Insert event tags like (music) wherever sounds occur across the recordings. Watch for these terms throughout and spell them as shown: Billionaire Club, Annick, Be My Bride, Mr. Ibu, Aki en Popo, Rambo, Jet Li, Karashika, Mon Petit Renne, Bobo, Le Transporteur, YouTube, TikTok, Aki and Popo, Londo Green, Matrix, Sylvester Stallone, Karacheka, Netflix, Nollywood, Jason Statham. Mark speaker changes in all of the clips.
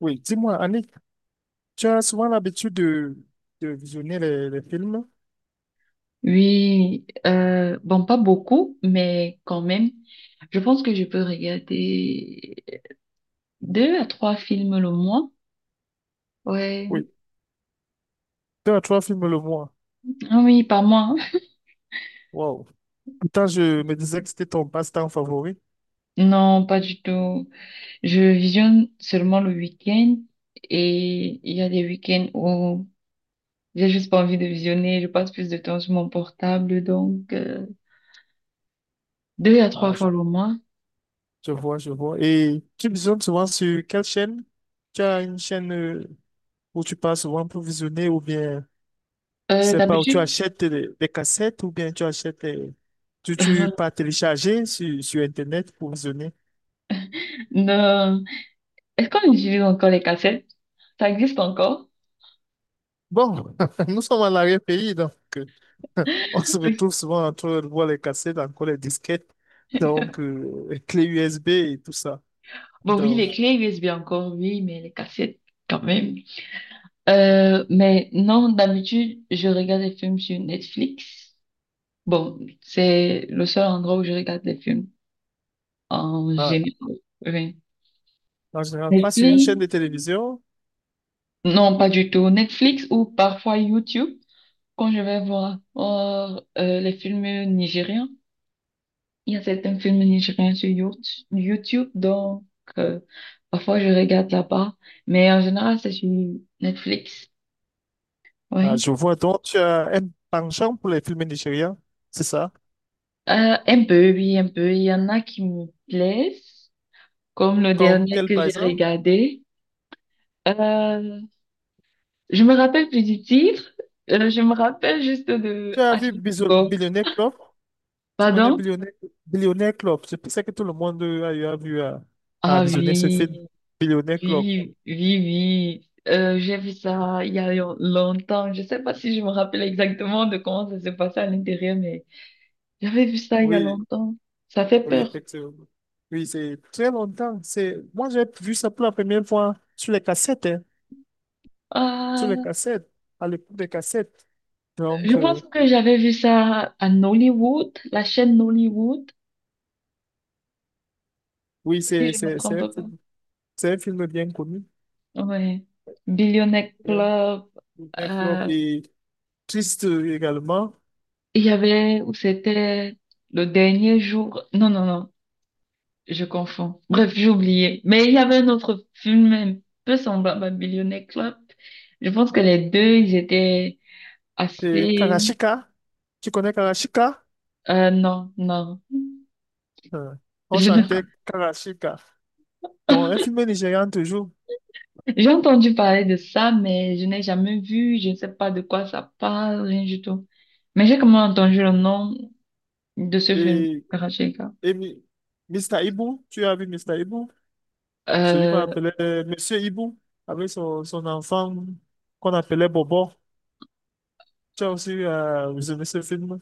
Speaker 1: Oui, dis-moi, Annick, tu as souvent l'habitude de visionner les films?
Speaker 2: Oui, bon, pas beaucoup, mais quand même, je pense que je peux regarder deux à trois films le mois. Ouais,
Speaker 1: Oui, deux à trois films le mois.
Speaker 2: ah oui, pas moi.
Speaker 1: Wow. Pourtant, je me disais que c'était ton passe-temps favori.
Speaker 2: Non, pas du tout. Je visionne seulement le week-end et il y a des week-ends où j'ai juste pas envie de visionner. Je passe plus de temps sur mon portable, donc deux à trois
Speaker 1: Ah, je,
Speaker 2: fois le mois.
Speaker 1: je vois, je vois. Et tu visionnes souvent sur quelle chaîne? Tu as une chaîne où tu passes souvent pour visionner ou bien, je sais pas, où tu
Speaker 2: D'habitude,
Speaker 1: achètes des cassettes ou bien tu achètes, tu pas télécharger sur Internet pour visionner?
Speaker 2: (laughs) non. Est-ce qu'on utilise encore les cassettes? Ça existe encore?
Speaker 1: Bon, (laughs) nous sommes à l'arrière-pays, donc euh, (laughs) on se retrouve souvent entre le voit les cassettes, encore les disquettes, donc les clés USB et tout ça.
Speaker 2: Bon, oui,
Speaker 1: Donc,
Speaker 2: les clés USB encore, oui, mais les cassettes quand même. Mais non, d'habitude, je regarde des films sur Netflix. Bon, c'est le seul endroit où je regarde des films en
Speaker 1: ah,
Speaker 2: général. Oui.
Speaker 1: en général, pas sur une chaîne de
Speaker 2: Netflix?
Speaker 1: télévision.
Speaker 2: Non, pas du tout. Netflix ou parfois YouTube, quand je vais voir, les films nigériens. Il y a certains films nigériens sur YouTube, donc euh, parfois je regarde là-bas. Mais en général, c'est sur Netflix.
Speaker 1: Ah,
Speaker 2: Oui.
Speaker 1: je vois, donc tu as un penchant pour les films nigériens, c'est ça?
Speaker 2: Un peu, oui, un peu. Il y en a qui me plaisent, comme le
Speaker 1: Comme
Speaker 2: dernier
Speaker 1: quel
Speaker 2: que
Speaker 1: par
Speaker 2: j'ai
Speaker 1: exemple?
Speaker 2: regardé. Euh, je me rappelle plus du titre. Je me rappelle juste
Speaker 1: Tu
Speaker 2: de...
Speaker 1: as
Speaker 2: Ah,
Speaker 1: vu
Speaker 2: bon,
Speaker 1: Billionaire Club? Tu connais
Speaker 2: pardon?
Speaker 1: Billionaire Club? Je pensais que tout le monde a, eu a vu à
Speaker 2: Ah
Speaker 1: visionner ce film,
Speaker 2: oui,
Speaker 1: Billionaire Club.
Speaker 2: oui, oui, oui. J'ai vu ça il y a longtemps. Je sais pas si je me rappelle exactement de comment ça s'est passé à l'intérieur, mais j'avais vu ça il y a
Speaker 1: Oui.
Speaker 2: longtemps. Ça fait
Speaker 1: Oui,
Speaker 2: peur.
Speaker 1: effectivement. Oui, c'est très longtemps. C'est... Moi, j'ai vu ça pour la première fois sur les cassettes, hein, sur les
Speaker 2: Ah,
Speaker 1: cassettes, à l'époque des cassettes. Donc,
Speaker 2: je pense que j'avais vu ça à Nollywood, la chaîne Nollywood.
Speaker 1: oui,
Speaker 2: Si je me trompe pas.
Speaker 1: c'est un film bien connu,
Speaker 2: Ouais. Billionaire
Speaker 1: bien,
Speaker 2: Club.
Speaker 1: bien flop
Speaker 2: euh,
Speaker 1: et triste également.
Speaker 2: il y avait où c'était le dernier jour. Non, non, non, je confonds. Bref, j'ai oublié. Mais il y avait un autre film un peu semblable à Billionaire Club. Je pense que les deux, ils étaient
Speaker 1: C'est
Speaker 2: assez...
Speaker 1: Karashika. Tu connais Karashika?
Speaker 2: non, non.
Speaker 1: Euh, On
Speaker 2: Je ne-
Speaker 1: chantait Karashika dans un film nigérian toujours.
Speaker 2: J'ai entendu parler de ça, mais je n'ai jamais vu. Je ne sais pas de quoi ça parle, rien du tout. Mais j'ai quand même entendu le nom de ce film,
Speaker 1: Et,
Speaker 2: Karacheka.
Speaker 1: et Mi- Mr. Ibu, tu as vu mister Ibu? Celui qu'on appelait Monsieur Ibu, avec son enfant qu'on appelait Bobo. Tu as aussi visionné ce film?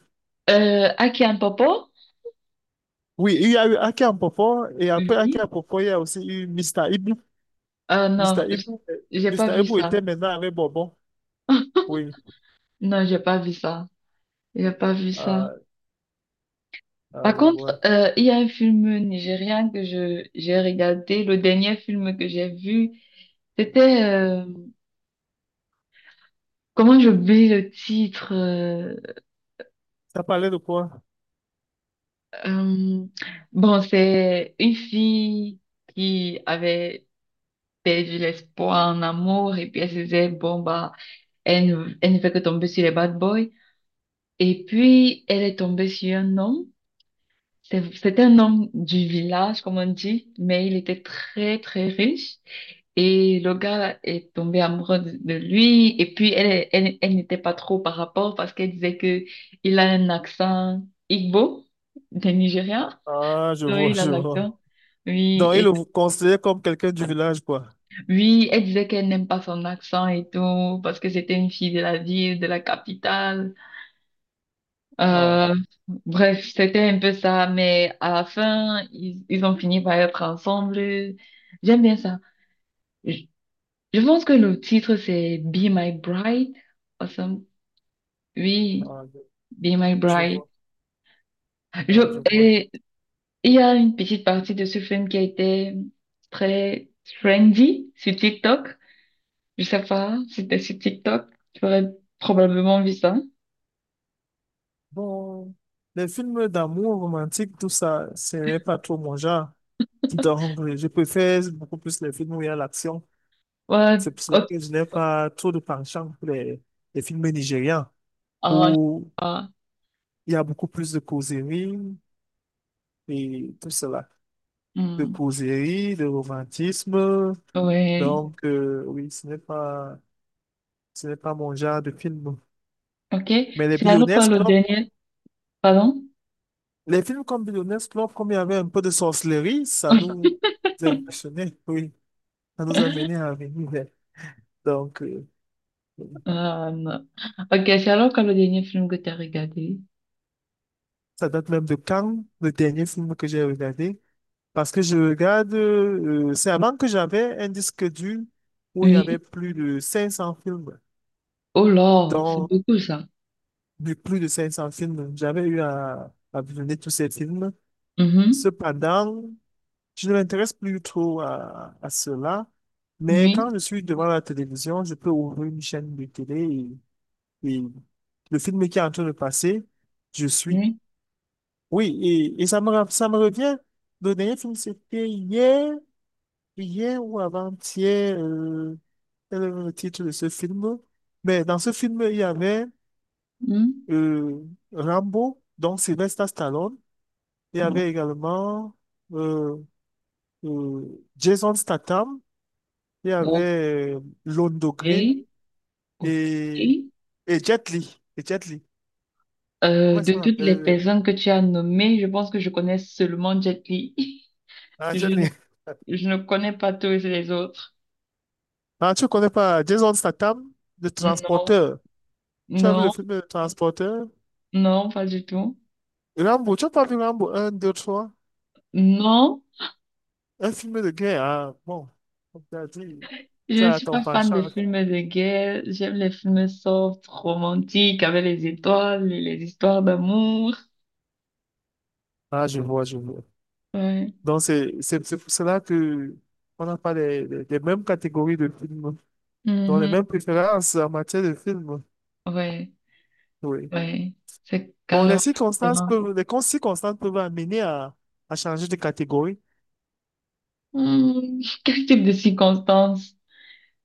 Speaker 2: Aki and Popo?
Speaker 1: Oui, il y a eu Aki en Popo, et après Aki en
Speaker 2: Oui.
Speaker 1: Popo, il y a aussi eu Mr. Ibu. Mr.
Speaker 2: Non,
Speaker 1: Ibu,
Speaker 2: j'ai pas
Speaker 1: Mr.
Speaker 2: vu
Speaker 1: Ibu
Speaker 2: ça.
Speaker 1: était maintenant avec Bobo. Oui,
Speaker 2: Non, j'ai pas vu ça. J'ai pas vu ça.
Speaker 1: ah, ah,
Speaker 2: Par
Speaker 1: je vois.
Speaker 2: contre, il y a un film nigérien que je j'ai regardé. Le dernier film que j'ai vu, c'était comment j'oublie le titre.
Speaker 1: Ça parlait de quoi?
Speaker 2: Euh, bon, c'est une fille qui avait perdu l'espoir en amour et puis elle se disait bon bah elle ne fait que tomber sur les bad boys. Et puis, elle est tombée sur un homme. C'était un homme du village, comme on dit, mais il était très, très riche. Et le gars est tombé amoureux de lui. Et puis, elle n'était pas trop par rapport parce qu'elle disait que il a un accent Igbo, des Nigériens.
Speaker 1: Ah, je
Speaker 2: Oui,
Speaker 1: vois,
Speaker 2: il a
Speaker 1: je vois.
Speaker 2: l'accent. Oui,
Speaker 1: Donc, il
Speaker 2: et,
Speaker 1: le considérait comme quelqu'un du village, quoi.
Speaker 2: oui, elle disait qu'elle n'aime pas son accent et tout, parce que c'était une fille de la ville, de la capitale.
Speaker 1: Ah,
Speaker 2: Euh, bref, c'était un peu ça, mais à la fin, ils ont fini par être ensemble. J'aime bien ça. Je, je pense que le titre, c'est Be My Bride. Awesome. Oui,
Speaker 1: ah,
Speaker 2: Be My
Speaker 1: je
Speaker 2: Bride.
Speaker 1: vois. Ah, je
Speaker 2: Je,
Speaker 1: vois.
Speaker 2: et il y a une petite partie de ce film qui a été très trendy sur TikTok. Je sais pas, c'était sur TikTok. Tu aurais probablement vu ça.
Speaker 1: Bon, les films d'amour romantique, tout ça, c'est pas trop mon genre. Donc, je préfère beaucoup plus les films où il y a l'action.
Speaker 2: Ouais,
Speaker 1: C'est pour cela
Speaker 2: ok.
Speaker 1: que je n'ai pas trop de penchant pour les films nigérians,
Speaker 2: Ah, je sais
Speaker 1: où
Speaker 2: pas.
Speaker 1: il y a beaucoup plus de causerie et tout cela. De
Speaker 2: Hmm.
Speaker 1: causerie, de romantisme.
Speaker 2: Ouais.
Speaker 1: Donc, oui, ce n'est pas mon genre de film.
Speaker 2: Ok,
Speaker 1: Mais les
Speaker 2: c'est alors quoi
Speaker 1: Billionaires
Speaker 2: le
Speaker 1: Club,
Speaker 2: dernier, pardon?
Speaker 1: les films comme Billionaire Club, comme il y avait un peu de sorcellerie, ça
Speaker 2: Oui.
Speaker 1: nous impressionnait, oui. Ça nous amenait à venir vers. Donc,
Speaker 2: Euh, ok, c'est alors quoi le dernier film que tu as regardé?
Speaker 1: ça date même de quand, le dernier film que j'ai regardé. Parce que je regarde, c'est avant que j'avais un disque dur où il y avait
Speaker 2: Oui.
Speaker 1: plus de 500 films.
Speaker 2: Oh là, c'est
Speaker 1: Donc,
Speaker 2: beaucoup ça.
Speaker 1: du plus de 500 films, j'avais eu à visionner tous ces films.
Speaker 2: Mhm.
Speaker 1: Cependant, je ne m'intéresse plus trop à cela, mais quand
Speaker 2: Oui,
Speaker 1: je suis devant la télévision, je peux ouvrir une chaîne de télé et le film qui est en train de passer, je suis.
Speaker 2: oui.
Speaker 1: Oui, et ça me, ça me revient. Le dernier film, c'était hier, hier ou avant-hier, quel est le titre de ce film? Mais dans ce film, il y avait
Speaker 2: Mhm.
Speaker 1: euh, Rambo, donc Sylvester Stallone. Il y avait également euh, euh, Jason Statham. Il y
Speaker 2: Ok,
Speaker 1: avait Londo Green
Speaker 2: ok.
Speaker 1: et, et Jet Li. Et Jet Li. Comment est-ce
Speaker 2: De
Speaker 1: qu'on
Speaker 2: toutes
Speaker 1: appelle?
Speaker 2: les personnes que tu as nommées, je pense que je connais seulement Jet Li. (laughs)
Speaker 1: Ah,
Speaker 2: Je
Speaker 1: Jet
Speaker 2: ne,
Speaker 1: Li. (laughs)
Speaker 2: je ne connais pas tous les autres.
Speaker 1: Ah, tu connais pas Jason Statham, le
Speaker 2: Non,
Speaker 1: transporteur. Tu as vu le
Speaker 2: non,
Speaker 1: film Le Transporteur?
Speaker 2: non, pas du tout.
Speaker 1: Rambo, tu n'as pas vu Rambo 1, 2, 3?
Speaker 2: Non.
Speaker 1: Un film de guerre. Ah, bon, comme tu as dit,
Speaker 2: Je
Speaker 1: tu
Speaker 2: ne
Speaker 1: as
Speaker 2: suis
Speaker 1: ton
Speaker 2: pas fan des
Speaker 1: penchant.
Speaker 2: films de guerre. J'aime les films soft, romantiques, avec les étoiles et les histoires d'amour.
Speaker 1: Ah, je vois, je vois.
Speaker 2: Ouais.
Speaker 1: Donc, c'est pour cela que on n'a pas les mêmes catégories de films, donc les
Speaker 2: Mhm.
Speaker 1: mêmes préférences en matière de films.
Speaker 2: Ouais.
Speaker 1: Oui.
Speaker 2: Ouais. C'est
Speaker 1: Bon, les
Speaker 2: carrément
Speaker 1: circonstances
Speaker 2: différent.
Speaker 1: peuvent, les con- circonstances peuvent amener à changer de catégorie.
Speaker 2: Hmm, quel type de circonstances?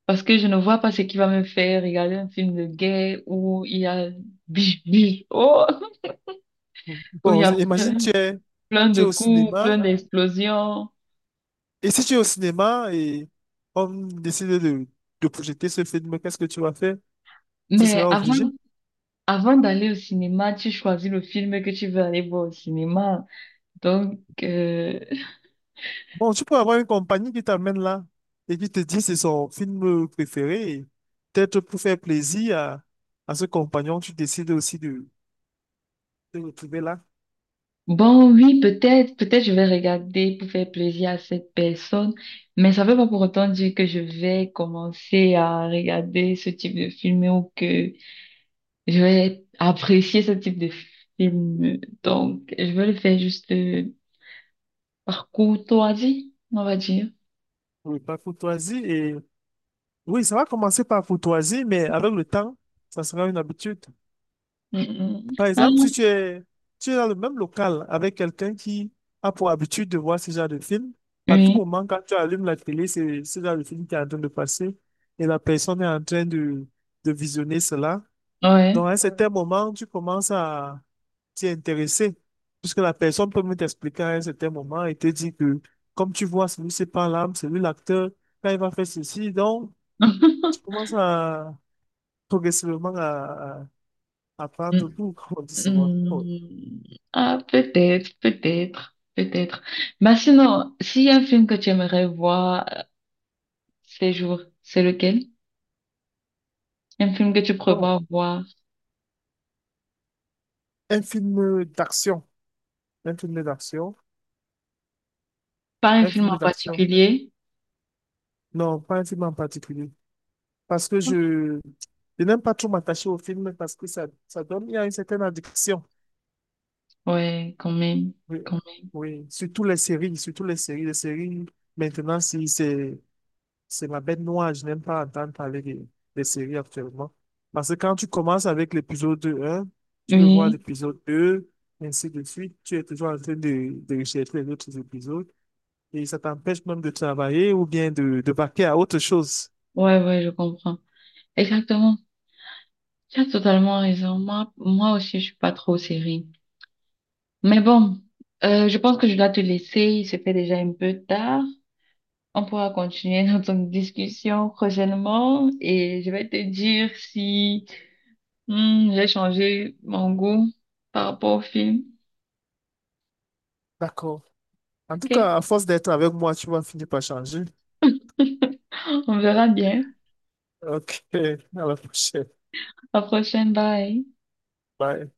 Speaker 2: Parce que je ne vois pas ce qui va me faire regarder un film de guerre où il y a (laughs) biche, biche, oh, (laughs) où il y
Speaker 1: Bon,
Speaker 2: a plein, plein
Speaker 1: tu
Speaker 2: de
Speaker 1: es au
Speaker 2: coups, plein
Speaker 1: cinéma,
Speaker 2: d'explosions.
Speaker 1: et si tu es au cinéma et on décide de projeter ce film, qu'est-ce que tu vas faire? Tu
Speaker 2: Mais
Speaker 1: seras
Speaker 2: avant,
Speaker 1: obligé.
Speaker 2: avant d'aller au cinéma, tu choisis le film que tu veux aller voir au cinéma. Donc,
Speaker 1: Bon, tu peux avoir une compagnie qui t'amène là et qui te dit c'est son film préféré. Et peut-être pour faire plaisir à ce compagnon, tu décides aussi de te retrouver là
Speaker 2: bon, oui, peut-être, peut-être je vais regarder pour faire plaisir à cette personne, mais ça veut pas pour autant dire que je vais commencer à regarder ce type de film ou que je vais apprécier ce type de film. Donc, je vais le faire juste par courtoisie, on va dire.
Speaker 1: pour le parcours choisi. Et oui, ça va commencer par courtoisie, mais avec le temps, ça sera une habitude.
Speaker 2: Mm, mm.
Speaker 1: Par
Speaker 2: Ah,
Speaker 1: exemple, si tu es, tu es dans le même local avec quelqu'un qui a pour habitude de voir ce genre de film, à tout
Speaker 2: oui,
Speaker 1: moment, quand tu allumes la télé, c'est ce genre de film qui est en train de passer et la personne est en train de visionner cela.
Speaker 2: ouais.
Speaker 1: Donc, à un certain moment, tu commences à t'y intéresser, puisque la personne peut même t'expliquer à un certain moment et te dire que, comme tu vois, celui-ci par là, c'est lui l'acteur, quand il va faire ceci, donc, tu
Speaker 2: (laughs)
Speaker 1: commences à progressivement à prendre goût, comme (laughs) on dit souvent.
Speaker 2: Hmm, ah, peut-être, peut-être, peut-être. Mais sinon, s'il y a un film que tu aimerais voir ces jours, c'est lequel? Un film que tu
Speaker 1: Bon,
Speaker 2: prévois voir?
Speaker 1: un film d'action. Un film d'action.
Speaker 2: Pas un
Speaker 1: Un
Speaker 2: film
Speaker 1: film
Speaker 2: en
Speaker 1: d'action.
Speaker 2: particulier?
Speaker 1: Non, pas un film en particulier. Parce que je n'aime pas trop m'attacher au film parce que ça donne, il y a une certaine addiction.
Speaker 2: Ouais, quand même,
Speaker 1: Oui,
Speaker 2: quand
Speaker 1: oui. Surtout les séries, surtout les séries. Les séries, maintenant, si c'est c'est ma bête noire. Je n'aime pas entendre parler des séries actuellement. Parce que quand tu commences avec l'épisode un, tu
Speaker 2: même.
Speaker 1: veux voir
Speaker 2: Oui,
Speaker 1: l'épisode deux, ainsi de suite. Tu es toujours en train de rechercher les autres épisodes. Et ça t'empêche même de travailler ou bien de vaquer à autre chose.
Speaker 2: ouais, ouais, je comprends. Exactement. Tu as totalement raison. Moi, moi aussi, je suis pas trop série. Mais bon, je pense que je dois te laisser. Il se fait déjà un peu tard. On pourra continuer notre discussion prochainement et je vais te dire si hmm, j'ai changé mon goût par rapport au film.
Speaker 1: D'accord. En tout
Speaker 2: Ok,
Speaker 1: cas, à force d'être avec moi, tu vas finir par changer.
Speaker 2: (laughs) on verra bien.
Speaker 1: Ok, (laughs) à la prochaine.
Speaker 2: À la prochaine, bye.
Speaker 1: Bye.